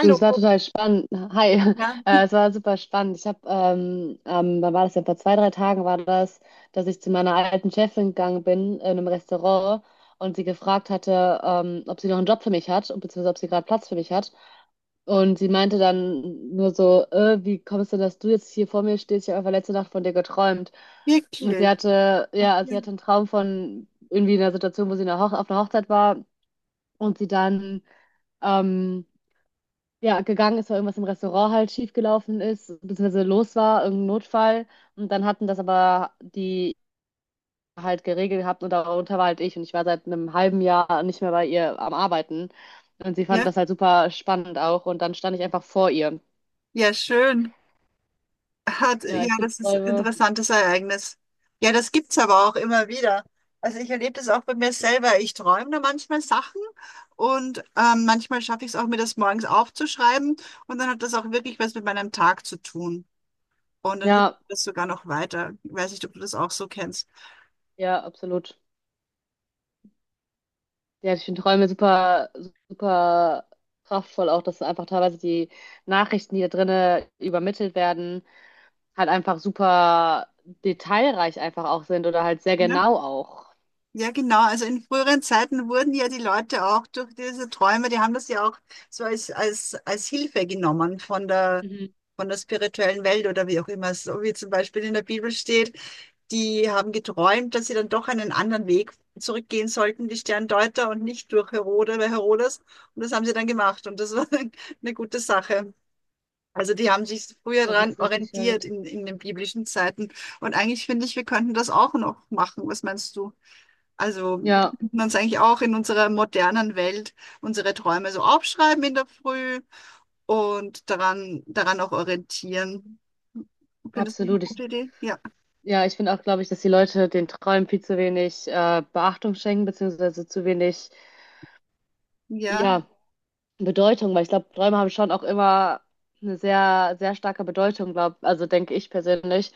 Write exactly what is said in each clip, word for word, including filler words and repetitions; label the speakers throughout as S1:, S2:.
S1: Du, es war total spannend. Hi,
S2: ja,
S1: äh, es war super spannend. Ich habe, ähm, ähm, wann war das, ja, vor zwei, drei Tagen war das, dass ich zu meiner alten Chefin gegangen bin in einem Restaurant und sie gefragt hatte, ähm, ob sie noch einen Job für mich hat, beziehungsweise ob sie gerade Platz für mich hat. Und sie meinte dann nur so, äh, wie kommst du, dass du jetzt hier vor mir stehst? Ich habe einfach letzte Nacht von dir geträumt. Und sie
S2: wirklich.
S1: hatte, ja, also sie
S2: Okay.
S1: hatte einen Traum von irgendwie einer Situation, wo sie in einer Hoch auf einer Hochzeit war und sie dann ähm, ja, gegangen ist, weil irgendwas im Restaurant halt schiefgelaufen ist, beziehungsweise los war, irgendein Notfall. Und dann hatten das aber die halt geregelt gehabt und darunter war halt ich. Und ich war seit einem halben Jahr nicht mehr bei ihr am Arbeiten. Und sie fand
S2: Ja,
S1: das halt super spannend auch. Und dann stand ich einfach vor ihr.
S2: ja, schön. Hat,
S1: Ja, ich
S2: ja,
S1: finde
S2: das ist ein
S1: Träume.
S2: interessantes Ereignis. Ja, das gibt's aber auch immer wieder. Also ich erlebe das auch bei mir selber. Ich träume da manchmal Sachen und ähm, manchmal schaffe ich es auch, mir das morgens aufzuschreiben. Und dann hat das auch wirklich was mit meinem Tag zu tun. Und dann hilft mir
S1: Ja,
S2: das sogar noch weiter. Ich weiß nicht, ob du das auch so kennst.
S1: ja, absolut. Ja, ich finde Träume super, super kraftvoll auch, dass einfach teilweise die Nachrichten, die da drinnen übermittelt werden, halt einfach super detailreich einfach auch sind oder halt sehr
S2: Ja?
S1: genau auch.
S2: Ja, genau. Also in früheren Zeiten wurden ja die Leute auch durch diese Träume, die haben das ja auch so als, als, als Hilfe genommen von der,
S1: Mhm.
S2: von der spirituellen Welt oder wie auch immer, so wie zum Beispiel in der Bibel steht, die haben geträumt, dass sie dann doch einen anderen Weg zurückgehen sollten, die Sterndeuter und nicht durch Herode oder Herodes. Und das haben sie dann gemacht und das war eine gute Sache. Also die haben sich früher
S1: Das
S2: daran
S1: ist richtig
S2: orientiert
S1: gut.
S2: in, in den biblischen Zeiten. Und eigentlich finde ich, wir könnten das auch noch machen. Was meinst du? Also wir
S1: Ja,
S2: könnten uns eigentlich auch in unserer modernen Welt unsere Träume so aufschreiben in der Früh und daran, daran auch orientieren. Findest du das eine
S1: absolut. Ich,
S2: gute Idee? Ja,
S1: ja, ich finde auch, glaube ich, dass die Leute den Träumen viel zu wenig äh, Beachtung schenken, beziehungsweise zu wenig,
S2: ja,
S1: ja, Bedeutung, weil ich glaube, Träume haben schon auch immer eine sehr, sehr starke Bedeutung, glaub, also denke ich persönlich.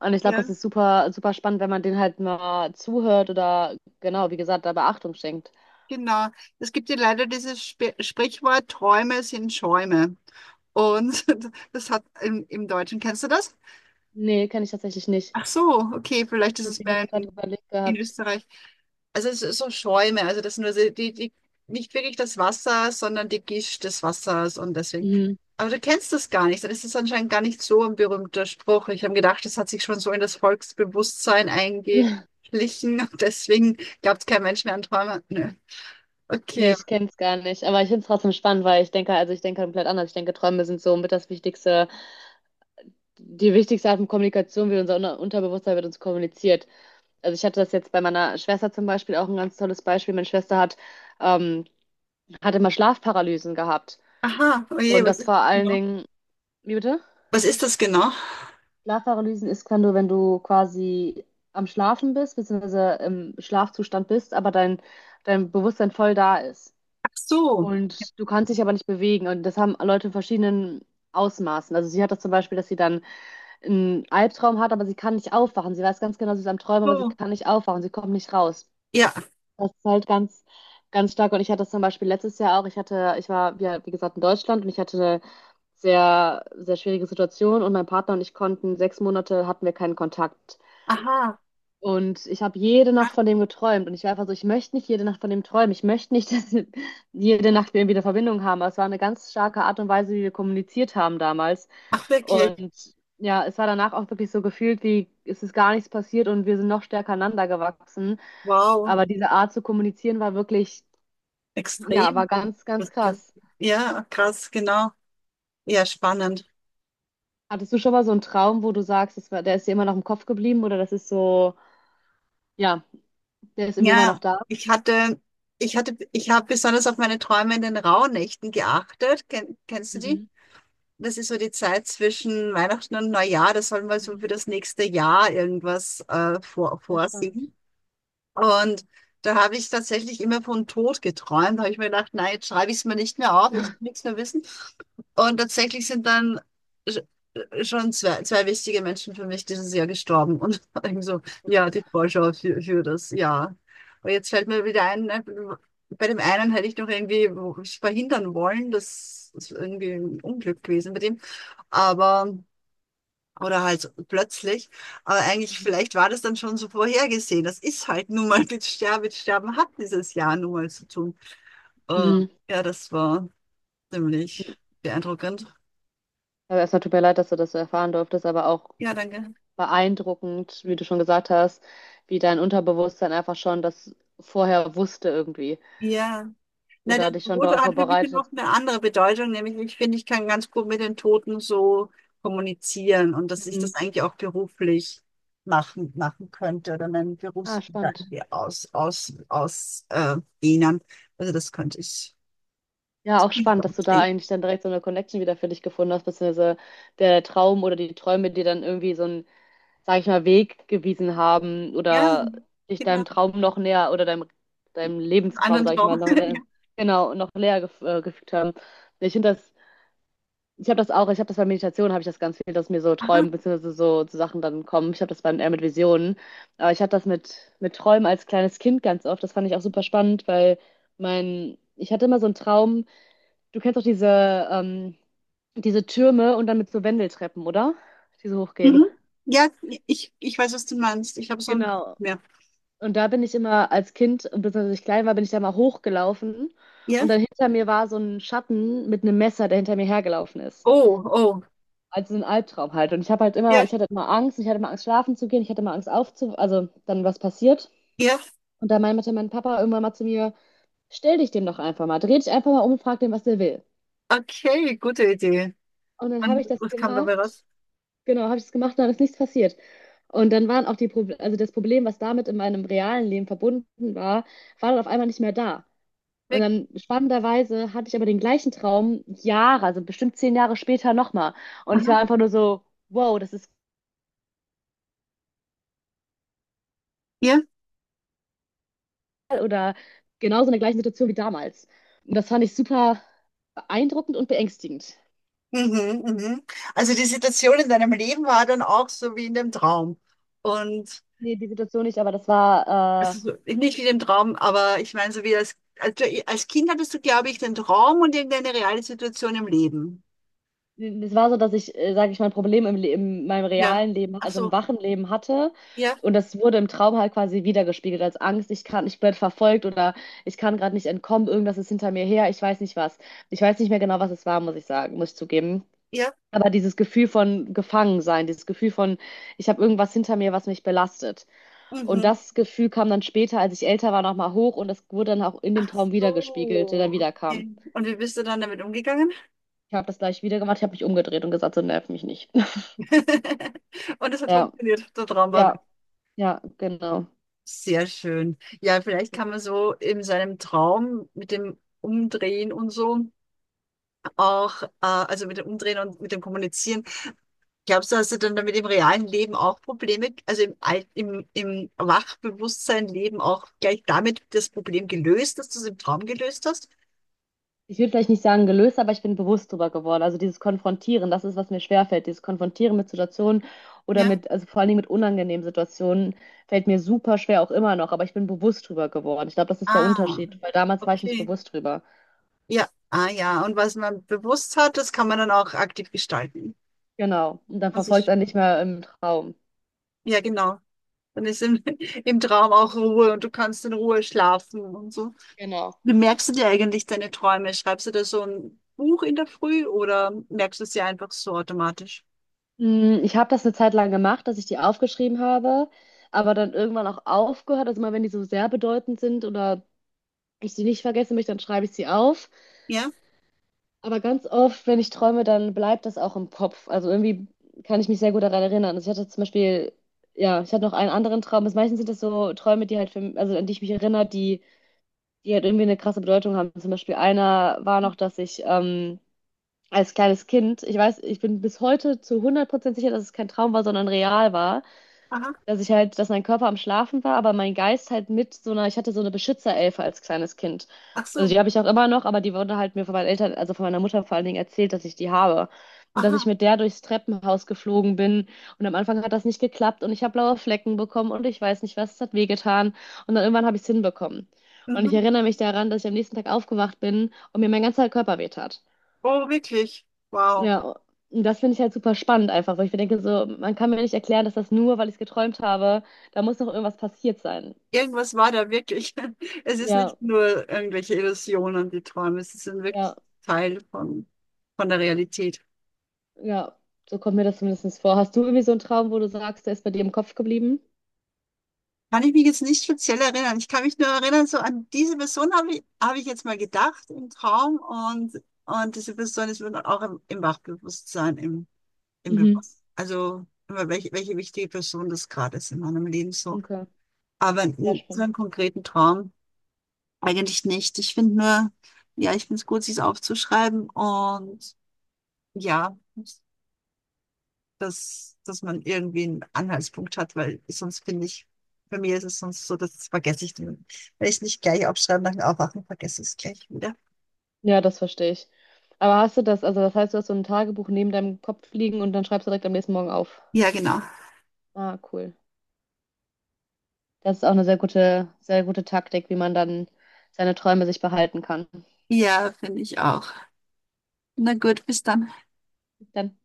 S1: Und ich glaube, das
S2: ja,
S1: ist super, super spannend, wenn man denen halt mal zuhört oder genau, wie gesagt, da Beachtung schenkt.
S2: genau. Es gibt ja leider dieses Sp Sprichwort, Träume sind Schäume. Und das hat im, im Deutschen, kennst du das?
S1: Nee, kenne ich tatsächlich nicht.
S2: Ach so, okay, vielleicht ist es
S1: Deswegen habe ich
S2: mehr
S1: gerade
S2: in,
S1: überlegt
S2: in
S1: gehabt.
S2: Österreich. Also es ist so Schäume, also das sind nur so die, die, nicht wirklich das Wasser, sondern die Gischt des Wassers und deswegen.
S1: Mhm.
S2: Aber du kennst das gar nicht, dann ist es anscheinend gar nicht so ein berühmter Spruch. Ich habe gedacht, das hat sich schon so in das Volksbewusstsein eingeschlichen und deswegen glaubt kein Mensch mehr an Träume. Nö.
S1: Nee,
S2: Okay.
S1: ich kenne es gar nicht. Aber ich finde es trotzdem spannend, weil ich denke, also ich denke komplett anders. Ich denke, Träume sind so mit das Wichtigste, die wichtigste Art von Kommunikation, wie unser Unter- Unterbewusstsein mit uns kommuniziert. Also ich hatte das jetzt bei meiner Schwester zum Beispiel auch ein ganz tolles Beispiel. Meine Schwester hat, ähm, hat immer Schlafparalysen gehabt.
S2: Aha, oh je,
S1: Und
S2: was
S1: das
S2: ist
S1: vor
S2: das
S1: allen
S2: genau?
S1: Dingen, wie bitte?
S2: Was ist das genau?
S1: Schlafparalysen ist, wenn du, wenn du quasi am Schlafen bist, beziehungsweise im Schlafzustand bist, aber dein, dein Bewusstsein voll da ist.
S2: Ach so,
S1: Und du kannst dich aber nicht bewegen. Und das haben Leute in verschiedenen Ausmaßen. Also sie hat das zum Beispiel, dass sie dann einen Albtraum hat, aber sie kann nicht aufwachen. Sie weiß ganz genau, sie ist am Träumen, aber sie
S2: so.
S1: kann nicht aufwachen. Sie kommt nicht raus.
S2: Ja,
S1: Das ist halt ganz, ganz stark. Und ich hatte das zum Beispiel letztes Jahr auch. Ich hatte, ich war, ja, wie gesagt, in Deutschland und ich hatte eine sehr, sehr schwierige Situation und mein Partner und ich konnten sechs Monate hatten wir keinen Kontakt.
S2: aha.
S1: Und ich habe jede Nacht von dem geträumt. Und ich war einfach so, ich möchte nicht jede Nacht von dem träumen. Ich möchte nicht, dass jede Nacht wir irgendwie eine Verbindung haben. Aber es war eine ganz starke Art und Weise, wie wir kommuniziert haben damals.
S2: Ach wirklich?
S1: Und ja, es war danach auch wirklich so gefühlt, wie es ist gar nichts passiert und wir sind noch stärker aneinander gewachsen.
S2: Wow.
S1: Aber diese Art zu kommunizieren war wirklich, ja,
S2: Extrem.
S1: war ganz, ganz krass.
S2: Ja, krass, genau. Ja, spannend.
S1: Hattest du schon mal so einen Traum, wo du sagst, das war, der ist dir immer noch im Kopf geblieben oder das ist so, ja, der ist irgendwie immer
S2: Ja,
S1: noch da?
S2: ich hatte, ich hatte, ich habe besonders auf meine Träume in den Rauhnächten geachtet. Ken, kennst du die?
S1: Mhm.
S2: Das ist so die Zeit zwischen Weihnachten und Neujahr. Da soll man so
S1: Mhm.
S2: für das nächste Jahr irgendwas äh, vor,
S1: Sehr spannend.
S2: vorsingen. Und da habe ich tatsächlich immer von Tod geträumt. Da habe ich mir gedacht, nein, jetzt schreibe ich es mir nicht mehr auf, ich will nichts mehr wissen. Und tatsächlich sind dann sch- schon zwei, zwei wichtige Menschen für mich dieses Jahr gestorben. Und irgendwie so,
S1: Oh
S2: ja, die
S1: Gott.
S2: Vorschau für, für das Jahr. Und jetzt fällt mir wieder ein, ne, bei dem einen hätte ich noch irgendwie verhindern wollen, dass es irgendwie ein Unglück gewesen bei dem. Aber. Oder halt plötzlich. Aber eigentlich,
S1: Mhm.
S2: vielleicht war das dann schon so vorhergesehen. Das ist halt nun mal mit Sterben, mit Sterben hat dieses Jahr nun mal zu tun. Äh,
S1: Mhm.
S2: ja, das war ziemlich beeindruckend.
S1: Aber erstmal tut mir leid, dass du das so erfahren durftest, aber auch
S2: Ja, danke.
S1: beeindruckend, wie du schon gesagt hast, wie dein Unterbewusstsein einfach schon das vorher wusste irgendwie
S2: Ja. Na, der
S1: oder dich schon
S2: Tod
S1: darauf
S2: hat für mich
S1: vorbereitet.
S2: noch eine andere Bedeutung, nämlich ich finde, ich kann ganz gut mit den Toten so kommunizieren und dass ich
S1: Mhm.
S2: das eigentlich auch beruflich machen, machen könnte oder meinen
S1: Ah,
S2: Berufsbild da
S1: spannend.
S2: irgendwie aus, aus, aus, äh, dehnen. Also das könnte ich.
S1: Ja, auch spannend, dass du da eigentlich dann direkt so eine Connection wieder für dich gefunden hast, beziehungsweise der Traum oder die Träume dir dann irgendwie so einen, sag ich mal, Weg gewiesen haben
S2: Ja,
S1: oder dich
S2: genau.
S1: deinem Traum noch näher oder deinem, deinem
S2: Einen
S1: Lebenstraum,
S2: anderen
S1: sag ich mal,
S2: Traum.
S1: noch
S2: Ja.
S1: näher, genau, noch näher gef äh, gefügt haben. Ich finde das. Ich habe das auch, ich habe das bei Meditation, habe ich das ganz viel, dass mir so
S2: Aha.
S1: Träumen beziehungsweise so zu Sachen dann kommen. Ich habe das dann eher mit Visionen. Aber ich hatte das mit, mit Träumen als kleines Kind ganz oft. Das fand ich auch super spannend, weil mein, ich hatte immer so einen Traum. Du kennst doch diese, ähm, diese Türme und dann mit so Wendeltreppen, oder? Die so hochgehen.
S2: Mhm. Ja, ich, ich weiß, was du meinst. Ich habe so ein,
S1: Genau.
S2: mehr.
S1: Und da bin ich immer als Kind, beziehungsweise als ich klein war, bin ich da mal hochgelaufen.
S2: Ja?
S1: Und dann hinter mir war so ein Schatten mit einem Messer, der hinter mir hergelaufen ist.
S2: Oh, oh.
S1: Also ein Albtraum halt. Und ich habe halt immer,
S2: Ja,
S1: ich hatte immer Angst, ich hatte immer Angst, schlafen zu gehen, ich hatte immer Angst aufzu, also dann was passiert.
S2: ja.
S1: Und da meinte mein Papa irgendwann mal zu mir, stell dich dem doch einfach mal, dreh dich einfach mal um und frag den, was der will.
S2: Okay, gute Idee.
S1: Und dann habe
S2: Und
S1: ich das
S2: was kam dabei raus?
S1: gemacht, genau, habe ich das gemacht und dann ist nichts passiert. Und dann waren auch die Proble also das Problem, was damit in meinem realen Leben verbunden war, war dann auf einmal nicht mehr da. Und
S2: Weg.
S1: dann spannenderweise hatte ich aber den gleichen Traum Jahre, also bestimmt zehn Jahre später nochmal. Und ich war
S2: Aha.
S1: einfach nur so, wow, das ist
S2: Ja.
S1: oder genauso in der gleichen Situation wie damals. Und das fand ich super beeindruckend und beängstigend.
S2: Mhm, mhm. Also die Situation in deinem Leben war dann auch so wie in dem Traum. Und
S1: Nee, die Situation nicht, aber das
S2: also
S1: war,
S2: so- nicht wie im Traum, aber ich meine, so wie als, als, du- als Kind hattest du, glaube ich, den Traum und irgendeine reale Situation im Leben.
S1: äh, das war so, dass ich, äh, sage ich mal, ein Problem im, Le- in meinem
S2: Ja.
S1: realen Leben,
S2: Ach
S1: also im
S2: so.
S1: wachen Leben hatte.
S2: Ja,
S1: Und das wurde im Traum halt quasi wiedergespiegelt als Angst. Ich kann, ich werde verfolgt oder ich kann gerade nicht entkommen, irgendwas ist hinter mir her, ich weiß nicht was. Ich weiß nicht mehr genau, was es war, muss ich sagen, muss ich zugeben.
S2: ja.
S1: Aber dieses Gefühl von Gefangensein, dieses Gefühl von, ich habe irgendwas hinter mir, was mich belastet. Und
S2: Mhm.
S1: das Gefühl kam dann später, als ich älter war, nochmal hoch und das wurde dann auch in dem
S2: Ach
S1: Traum wiedergespiegelt, der dann
S2: so.
S1: wieder kam.
S2: Okay. Und wie bist du dann damit umgegangen?
S1: Ich habe das gleich wieder gemacht, ich habe mich umgedreht und gesagt, so nerv mich nicht.
S2: Und es hat
S1: Ja,
S2: funktioniert. Der Traum war weg.
S1: ja, ja, genau.
S2: Sehr schön. Ja, vielleicht kann man so in seinem Traum mit dem Umdrehen und so auch, äh, also mit dem Umdrehen und mit dem Kommunizieren. Glaubst du, hast du dann damit im realen Leben auch Probleme, also im, Al- im, im Wachbewusstsein Leben auch gleich damit das Problem gelöst, dass du es im Traum gelöst hast?
S1: Ich würde vielleicht nicht sagen gelöst, aber ich bin bewusst drüber geworden. Also dieses Konfrontieren, das ist, was mir schwerfällt. Dieses Konfrontieren mit Situationen oder
S2: Ja.
S1: mit, also vor allen Dingen mit unangenehmen Situationen, fällt mir super schwer auch immer noch, aber ich bin bewusst drüber geworden. Ich glaube, das ist der
S2: Ah,
S1: Unterschied, weil damals war ich nicht
S2: okay.
S1: bewusst drüber.
S2: Ja, ah ja. Und was man bewusst hat, das kann man dann auch aktiv gestalten.
S1: Genau. Und dann
S2: Also
S1: verfolgt
S2: ich,
S1: es einen nicht mehr im Traum.
S2: ja, genau. Dann ist im, im Traum auch Ruhe und du kannst in Ruhe schlafen und so.
S1: Genau.
S2: Wie merkst du dir eigentlich deine Träume? Schreibst du da so ein Buch in der Früh oder merkst du sie einfach so automatisch?
S1: Mm, Ich habe das eine Zeit lang gemacht, dass ich die aufgeschrieben habe, aber dann irgendwann auch aufgehört. Also mal, wenn die so sehr bedeutend sind oder ich sie nicht vergessen möchte, dann schreibe ich sie auf.
S2: Ja?
S1: Aber ganz oft, wenn ich träume, dann bleibt das auch im Kopf. Also irgendwie kann ich mich sehr gut daran erinnern. Also ich hatte zum Beispiel, ja, ich hatte noch einen anderen Traum. Also meistens sind das so Träume, die halt für, also an die ich mich erinnere, die, die halt irgendwie eine krasse Bedeutung haben. Zum Beispiel einer war noch, dass ich ähm, als kleines Kind, ich weiß, ich bin bis heute zu hundert Prozent sicher, dass es kein Traum war, sondern real war.
S2: Aha.
S1: Dass ich halt, dass mein Körper am Schlafen war, aber mein Geist halt mit so einer, ich hatte so eine Beschützerelfe als kleines Kind.
S2: Ach
S1: Also
S2: so.
S1: die habe ich auch immer noch, aber die wurde halt mir von meinen Eltern, also von meiner Mutter vor allen Dingen erzählt, dass ich die habe. Und dass ich
S2: Aha.
S1: mit der durchs Treppenhaus geflogen bin. Und am Anfang hat das nicht geklappt und ich habe blaue Flecken bekommen und ich weiß nicht was, es hat wehgetan. Und dann irgendwann habe ich es hinbekommen. Und ich
S2: Mhm.
S1: erinnere mich daran, dass ich am nächsten Tag aufgewacht bin und mir mein ganzer Körper wehtat.
S2: Oh, wirklich. Wow.
S1: Ja, und das finde ich halt super spannend einfach, weil ich mir denke, so, man kann mir nicht erklären, dass das nur, weil ich es geträumt habe, da muss noch irgendwas passiert sein.
S2: Irgendwas war da wirklich. Es ist
S1: Ja,
S2: nicht nur irgendwelche Illusionen, die Träume. Es ist ein wirklich
S1: ja,
S2: Teil von, von der Realität.
S1: ja, so kommt mir das zumindest vor. Hast du irgendwie so einen Traum, wo du sagst, der ist bei dir im Kopf geblieben?
S2: Kann ich mich jetzt nicht speziell erinnern. Ich kann mich nur erinnern, so an diese Person habe ich, habe ich jetzt mal gedacht im Traum und, und diese Person ist mir dann auch im, im Wachbewusstsein, im, im
S1: Mhm.
S2: Bewusstsein. Also immer welche, welche wichtige Person das gerade ist in meinem Leben so.
S1: Okay,
S2: Aber
S1: ja,
S2: n- so
S1: spannend.
S2: einen konkreten Traum eigentlich nicht. Ich finde nur, ja, ich finde es gut, sich aufzuschreiben und ja. Dass, dass man irgendwie einen Anhaltspunkt hat, weil sonst finde ich, bei mir ist es sonst so, das vergesse ich dann. Wenn ich es nicht gleich aufschreibe nach dem Aufwachen, vergesse ich es gleich wieder.
S1: Ja, das verstehe ich. Aber hast du das, also das heißt, du hast so ein Tagebuch neben deinem Kopf liegen und dann schreibst du direkt am nächsten Morgen auf.
S2: Ja, genau.
S1: Ah, cool. Das ist auch eine sehr gute, sehr gute Taktik, wie man dann seine Träume sich behalten kann.
S2: Ja, finde ich auch. Na gut, bis dann.
S1: Dann